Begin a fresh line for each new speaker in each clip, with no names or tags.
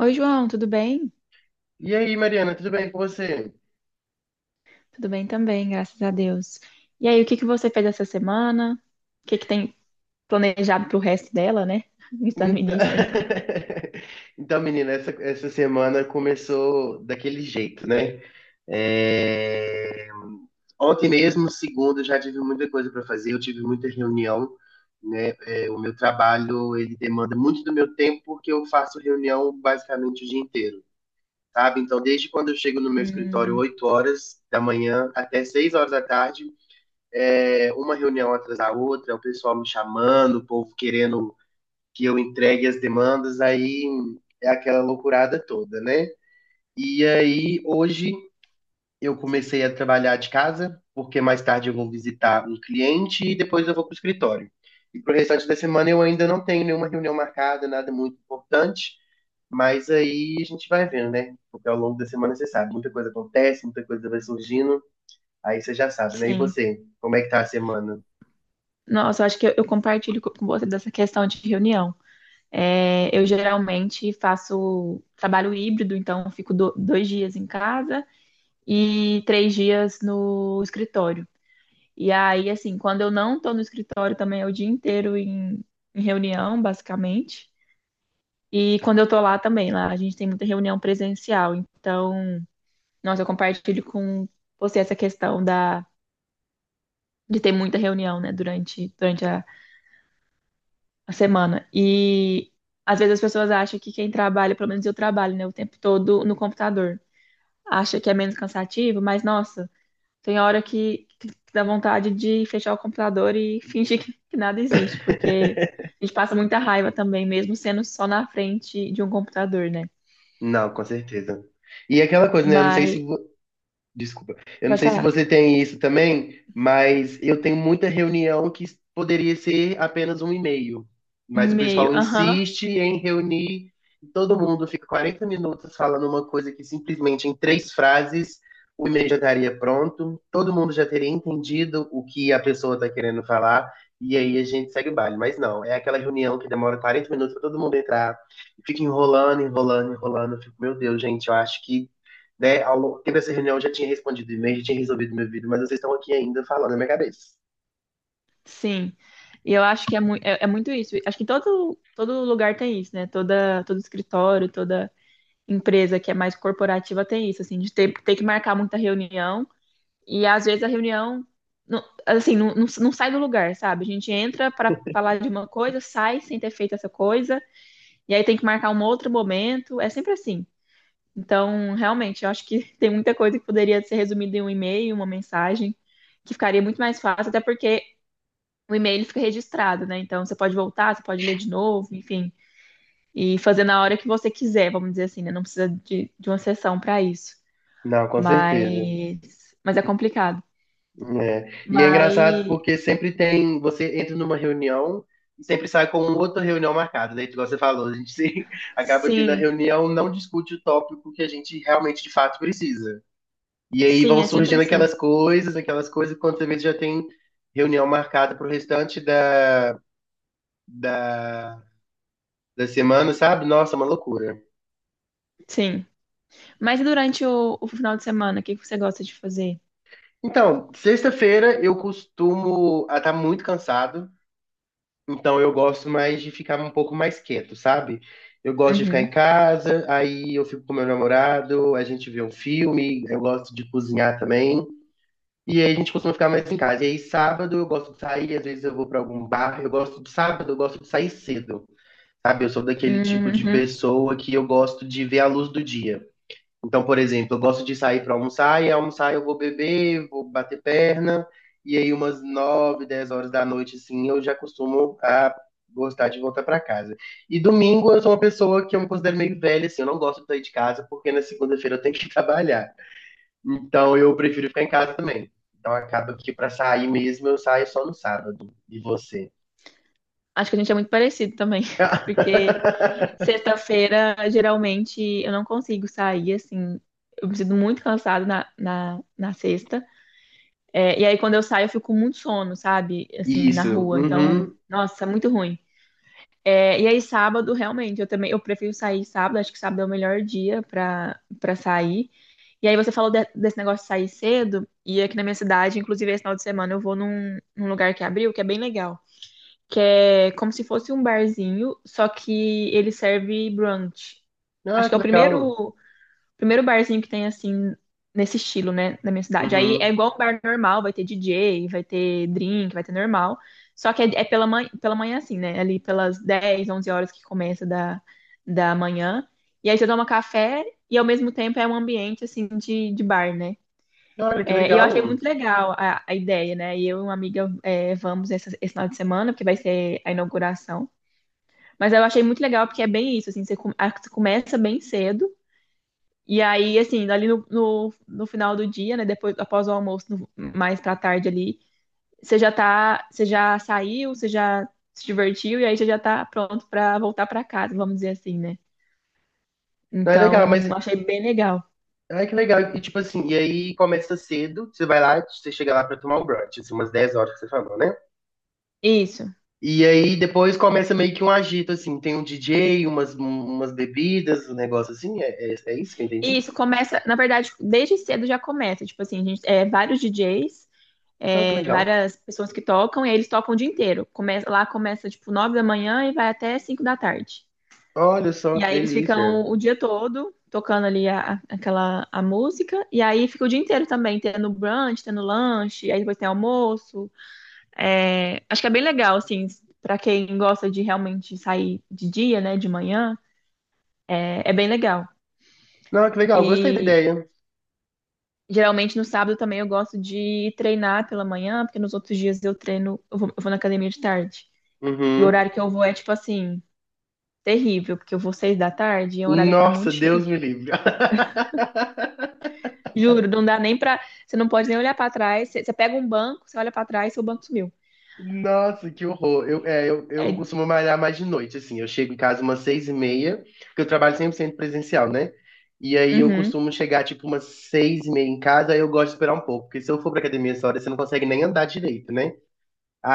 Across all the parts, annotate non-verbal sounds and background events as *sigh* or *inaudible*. Oi, João, tudo bem?
E aí, Mariana, tudo bem com você?
Tudo bem também, graças a Deus. E aí, o que que você fez essa semana? O que que tem planejado pro resto dela, né? *laughs* Está no
Então,
início ainda.
*laughs* então menina, essa semana começou daquele jeito, né? É, Ontem mesmo, segunda, eu já tive muita coisa para fazer, eu tive muita reunião, né? O meu trabalho, ele demanda muito do meu tempo, porque eu faço reunião basicamente o dia inteiro, sabe? Então, desde quando eu chego no meu escritório,
Hum,
8 horas da manhã até 6 horas da tarde, uma reunião atrás da outra, o pessoal me chamando, o povo querendo que eu entregue as demandas, aí é aquela loucurada toda, né? E aí, hoje, eu comecei a trabalhar de casa, porque mais tarde eu vou visitar um cliente e depois eu vou para o escritório. E para o restante da semana eu ainda não tenho nenhuma reunião marcada, nada muito importante, mas aí a gente vai vendo, né? Porque ao longo da semana você sabe, muita coisa acontece, muita coisa vai surgindo, aí você já sabe, né? E
sim.
você, como é que tá a semana?
Nossa, eu acho que eu compartilho com você dessa questão de reunião. É, eu geralmente faço trabalho híbrido, então eu fico dois dias em casa e três dias no escritório. E aí, assim, quando eu não estou no escritório também é o dia inteiro em reunião, basicamente. E quando eu tô lá também, lá a gente tem muita reunião presencial. Então, nossa, eu compartilho com você essa de ter muita reunião, né, durante a semana. E às vezes as pessoas acham que quem trabalha, pelo menos eu trabalho, né, o tempo todo no computador. Acha que é menos cansativo, mas nossa, tem hora que dá vontade de fechar o computador e *laughs* fingir que nada existe, porque a gente passa muita raiva também, mesmo sendo só na frente de um computador, né?
Não, com certeza. E aquela coisa, né? Eu não sei se,
Mas,
vo- Desculpa. Eu não
pode
sei se
falar.
você tem isso também, mas eu tenho muita reunião que poderia ser apenas um e-mail.
Um
Mas o
e-mail,
pessoal
aham,
insiste em reunir, e todo mundo fica 40 minutos falando uma coisa que simplesmente em três frases o e-mail já estaria pronto, todo mundo já teria entendido o que a pessoa está querendo falar, e aí a gente segue o baile. Mas não, é aquela reunião que demora 40 minutos para todo mundo entrar, e fica enrolando, enrolando, enrolando. Eu fico, meu Deus, gente, eu acho que né, ao longo dessa reunião eu já tinha respondido e-mail, já tinha resolvido meu vídeo, mas vocês estão aqui ainda falando na minha cabeça.
sim. E eu acho que é muito isso. Acho que todo lugar tem isso, né? Todo escritório, toda empresa que é mais corporativa tem isso, assim, de ter que marcar muita reunião. E às vezes a reunião, não sai do lugar, sabe? A gente entra para falar de uma coisa, sai sem ter feito essa coisa, e aí tem que marcar um outro momento. É sempre assim. Então, realmente, eu acho que *laughs* tem muita coisa que poderia ser resumida em um e-mail, uma mensagem que ficaria muito mais fácil, até porque o e-mail fica registrado, né? Então você pode voltar, você pode ler de novo, enfim, e fazer na hora que você quiser, vamos dizer assim, né? Não precisa de uma sessão para isso.
Não, com certeza.
Mas é complicado.
É. E é engraçado
Mas
porque sempre tem, você entra numa reunião e sempre sai com outra reunião marcada, né? Igual você falou, a gente *laughs* acaba que na
sim,
reunião não discute o tópico que a gente realmente de fato precisa. E aí
sim,
vão
é sempre
surgindo
assim.
aquelas coisas, quando você vê já tem reunião marcada pro restante da, da semana, sabe? Nossa, é uma loucura.
Sim. Mas e durante o final de semana, o que que você gosta de fazer?
Então, sexta-feira eu costumo estar tá muito cansado, então eu gosto mais de ficar um pouco mais quieto, sabe? Eu gosto de ficar em
Uhum.
casa, aí eu fico com meu namorado, a gente vê um filme, eu gosto de cozinhar também. E aí a gente costuma ficar mais em casa. E aí sábado eu gosto de sair, às vezes eu vou para algum bar, eu gosto de sábado, eu gosto de sair cedo. Sabe, eu sou daquele tipo de
Uhum.
pessoa que eu gosto de ver a luz do dia. Então, por exemplo, eu gosto de sair para almoçar e almoçar eu vou beber, vou bater perna, e aí umas 9, 10 horas da noite, assim, eu já costumo a gostar de voltar para casa. E domingo eu sou uma pessoa que eu me considero meio velha, assim, eu não gosto de sair de casa porque na segunda-feira eu tenho que *laughs* trabalhar. Então eu prefiro ficar em casa também. Então acaba que para sair mesmo eu saio só no sábado. E você?
Acho que a gente é muito parecido também, *laughs* porque
*laughs*
sexta-feira, geralmente, eu não consigo sair, assim, eu me sinto muito cansada na sexta. É, e aí, quando eu saio, eu fico com muito sono, sabe? Assim, na
Isso.
rua. Então,
Uhum.
nossa, é muito ruim. É, e aí, sábado, realmente, eu também, eu prefiro sair sábado, acho que sábado é o melhor dia pra sair. E aí, você falou desse negócio de sair cedo, e aqui na minha cidade, inclusive, esse final de semana, eu vou num lugar que abriu, que é bem legal, que é como se fosse um barzinho, só que ele serve brunch.
Ah,
Acho que
que
é o
legal.
primeiro, primeiro barzinho que tem assim, nesse estilo, né, na minha cidade. Aí é
Uhum.
igual um bar normal, vai ter DJ, vai ter drink, vai ter normal. Só que é pela manhã assim, né? Ali pelas 10 11 horas que começa da manhã. E aí você toma café e ao mesmo tempo é um ambiente assim de bar, né?
Olha, que
É, e eu achei
legal.
muito legal a ideia, né? E eu e uma amiga é, vamos esse final de semana, porque vai ser a inauguração. Mas eu achei muito legal porque é bem isso, assim, você, você começa bem cedo e aí, assim, ali no final do dia, né? Depois, após o almoço, mais pra tarde ali, você já tá, você já saiu, você já se divertiu e aí você já tá pronto pra voltar pra casa, vamos dizer assim, né?
Não é legal, mas
Então, eu achei bem legal.
Ai, que legal. E tipo assim, e aí começa cedo, você vai lá, você chega lá pra tomar o brunch, assim, umas 10 horas que você falou, né?
Isso.
E aí depois começa meio que um agito, assim, tem um DJ, umas bebidas, um negócio assim, é isso que eu entendi?
Isso começa, na verdade, desde cedo já começa. Tipo assim, a gente, é, vários DJs,
Ah, que
é,
legal.
várias pessoas que tocam, e aí eles tocam o dia inteiro. Começa, lá começa, tipo, 9 da manhã e vai até 5 da tarde.
Olha só,
E
que
aí eles
delícia.
ficam o dia todo tocando ali aquela a música. E aí fica o dia inteiro também, tendo brunch, tendo lanche, aí depois tem almoço. É, acho que é bem legal, assim, pra quem gosta de realmente sair de dia, né, de manhã, é, é bem legal.
Não, que legal, gostei da
E
ideia.
geralmente no sábado também eu gosto de treinar pela manhã, porque nos outros dias eu treino, eu vou na academia de tarde. E o
Uhum.
horário que eu vou é tipo assim, terrível, porque eu vou seis da tarde e é um horário que tá
Nossa,
muito
Deus
cheio.
me livre. *laughs*
Juro, não dá nem pra. Você não pode nem olhar pra trás. Você pega um banco, você olha pra trás, seu banco sumiu.
Nossa, que horror. Eu
É,
costumo malhar mais de noite, assim. Eu chego em casa umas 6h30, porque eu trabalho 100% presencial, né? E aí eu
uhum,
costumo chegar, tipo, umas 6h30 em casa, aí eu gosto de esperar um pouco, porque se eu for pra academia essa hora, você não consegue nem andar direito, né?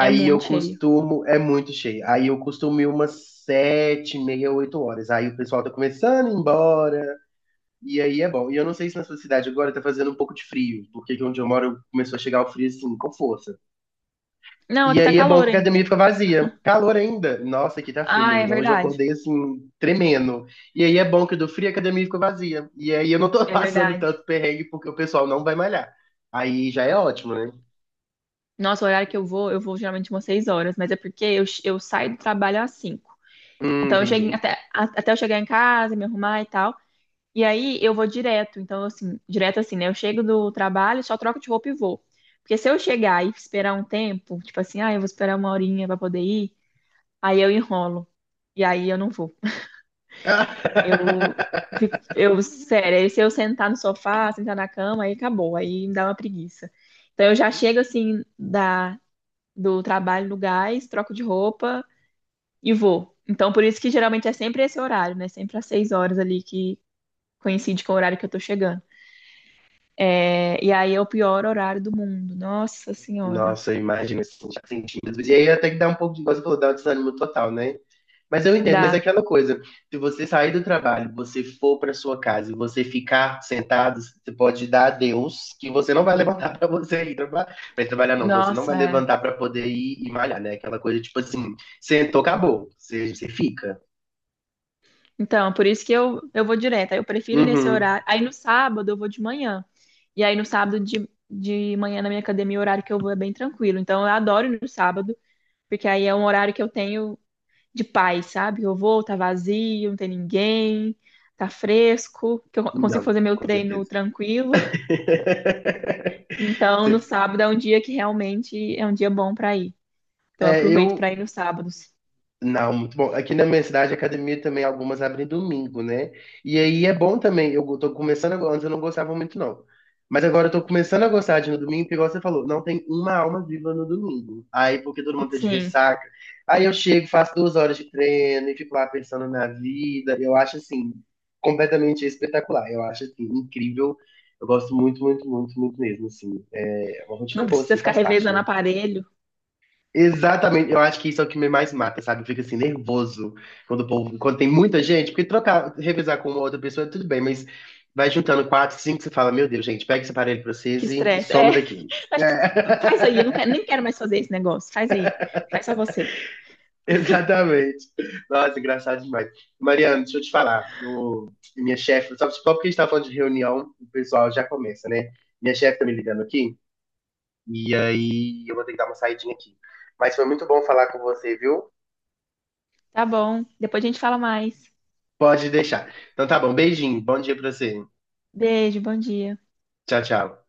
é
eu
muito cheio.
costumo. É muito cheio. Aí eu costumo ir umas 7h30, 8 horas. Aí o pessoal tá começando a ir embora, e aí é bom. E eu não sei se na sua cidade agora tá fazendo um pouco de frio, porque aqui onde eu moro começou a chegar o frio, assim, com força.
Não,
E
aqui tá
aí é bom que a
calor
academia
ainda.
fica vazia. Calor ainda. Nossa, aqui tá frio,
Ah, é
menina. Hoje eu
verdade.
acordei assim, tremendo. E aí é bom que do frio a academia fica vazia. E aí eu não tô *laughs*
É
passando
verdade.
tanto perrengue porque o pessoal não vai malhar. Aí já é ótimo, né?
Nossa, o horário que eu vou geralmente umas 6 horas, mas é porque eu saio do trabalho às 5. Então eu chego
Entendi.
até, até eu chegar em casa, me arrumar e tal. E aí eu vou direto. Então, assim, direto assim, né? Eu chego do trabalho, só troco de roupa e vou. Porque se eu chegar e esperar um tempo, tipo assim, ah, eu vou esperar uma horinha pra poder ir, aí eu enrolo. E aí eu não vou. Eu,
*laughs*
sério, aí se eu sentar no sofá, sentar na cama, aí acabou. Aí me dá uma preguiça. Então eu já chego assim do trabalho no gás, troco de roupa e vou. Então por isso que geralmente é sempre esse horário, né? Sempre às seis horas ali que coincide com o horário que eu tô chegando. É, e aí é o pior horário do mundo. Nossa Senhora.
Nossa, imagina assim, já sentindo. E aí até que dá um pouco de, igual você falou, dá um desânimo total, né? Mas eu entendo, mas é
Dá.
aquela coisa, se você sair do trabalho, você for para sua casa e você ficar sentado, você pode dar a Deus que você não vai *laughs* levantar para você ir trabalhar. Mas trabalhar não, você não vai
Nossa, é.
levantar para poder ir e malhar, né? Aquela coisa tipo assim, sentou, acabou. Você fica.
Então, por isso que eu vou direto. Aí eu prefiro nesse
Uhum.
horário. Aí no sábado eu vou de manhã. E aí no sábado de manhã na minha academia, o horário que eu vou é bem tranquilo. Então eu adoro ir no sábado, porque aí é um horário que eu tenho de paz, sabe? Eu vou, tá vazio, não tem ninguém, tá fresco, que eu consigo
Não,
fazer meu
com
treino
certeza.
tranquilo.
*laughs*
Então no sábado é um dia que realmente é um dia bom pra ir. Então eu
É,
aproveito
eu,
pra ir nos sábados.
Não, muito bom. Aqui na minha cidade, a academia também, algumas abrem domingo, né? E aí é bom também. Eu tô começando agora, antes eu não gostava muito, não. Mas agora eu tô começando a gostar de ir no domingo, porque igual você falou, não tem uma alma viva no domingo. Aí, porque todo mundo tá de
Sim,
ressaca. Aí eu chego, faço 2 horas de treino e fico lá pensando na vida. Eu acho, assim, completamente espetacular. Eu acho, assim, incrível. Eu gosto muito, muito, muito, muito mesmo, assim. É uma
não
rotina boa,
precisa
assim,
ficar
faz parte,
revezando
né?
aparelho.
Exatamente, eu acho que isso é o que me mais mata, sabe? Eu fico assim, nervoso quando o povo, quando tem muita gente, porque trocar, revezar com uma outra pessoa, é tudo bem, mas vai juntando quatro, cinco, você fala, meu Deus, gente, pega esse aparelho pra
Que
vocês e
estresse.
some
É.
daqui.
Faz, faz aí, eu não
É.
quero, nem quero mais fazer esse negócio. Faz aí. Faz só você.
*laughs* Exatamente. Nossa, engraçado demais. Mariana, deixa eu te falar. Minha chefe, só porque a gente tá falando de reunião, o pessoal já começa, né? Minha chefe tá me ligando aqui, e aí eu vou ter que dar uma saidinha aqui. Mas foi muito bom falar com você, viu?
Tá bom. Depois a gente fala mais.
Pode deixar. Então tá bom, beijinho, bom dia pra você.
Beijo, bom dia.
Tchau, tchau.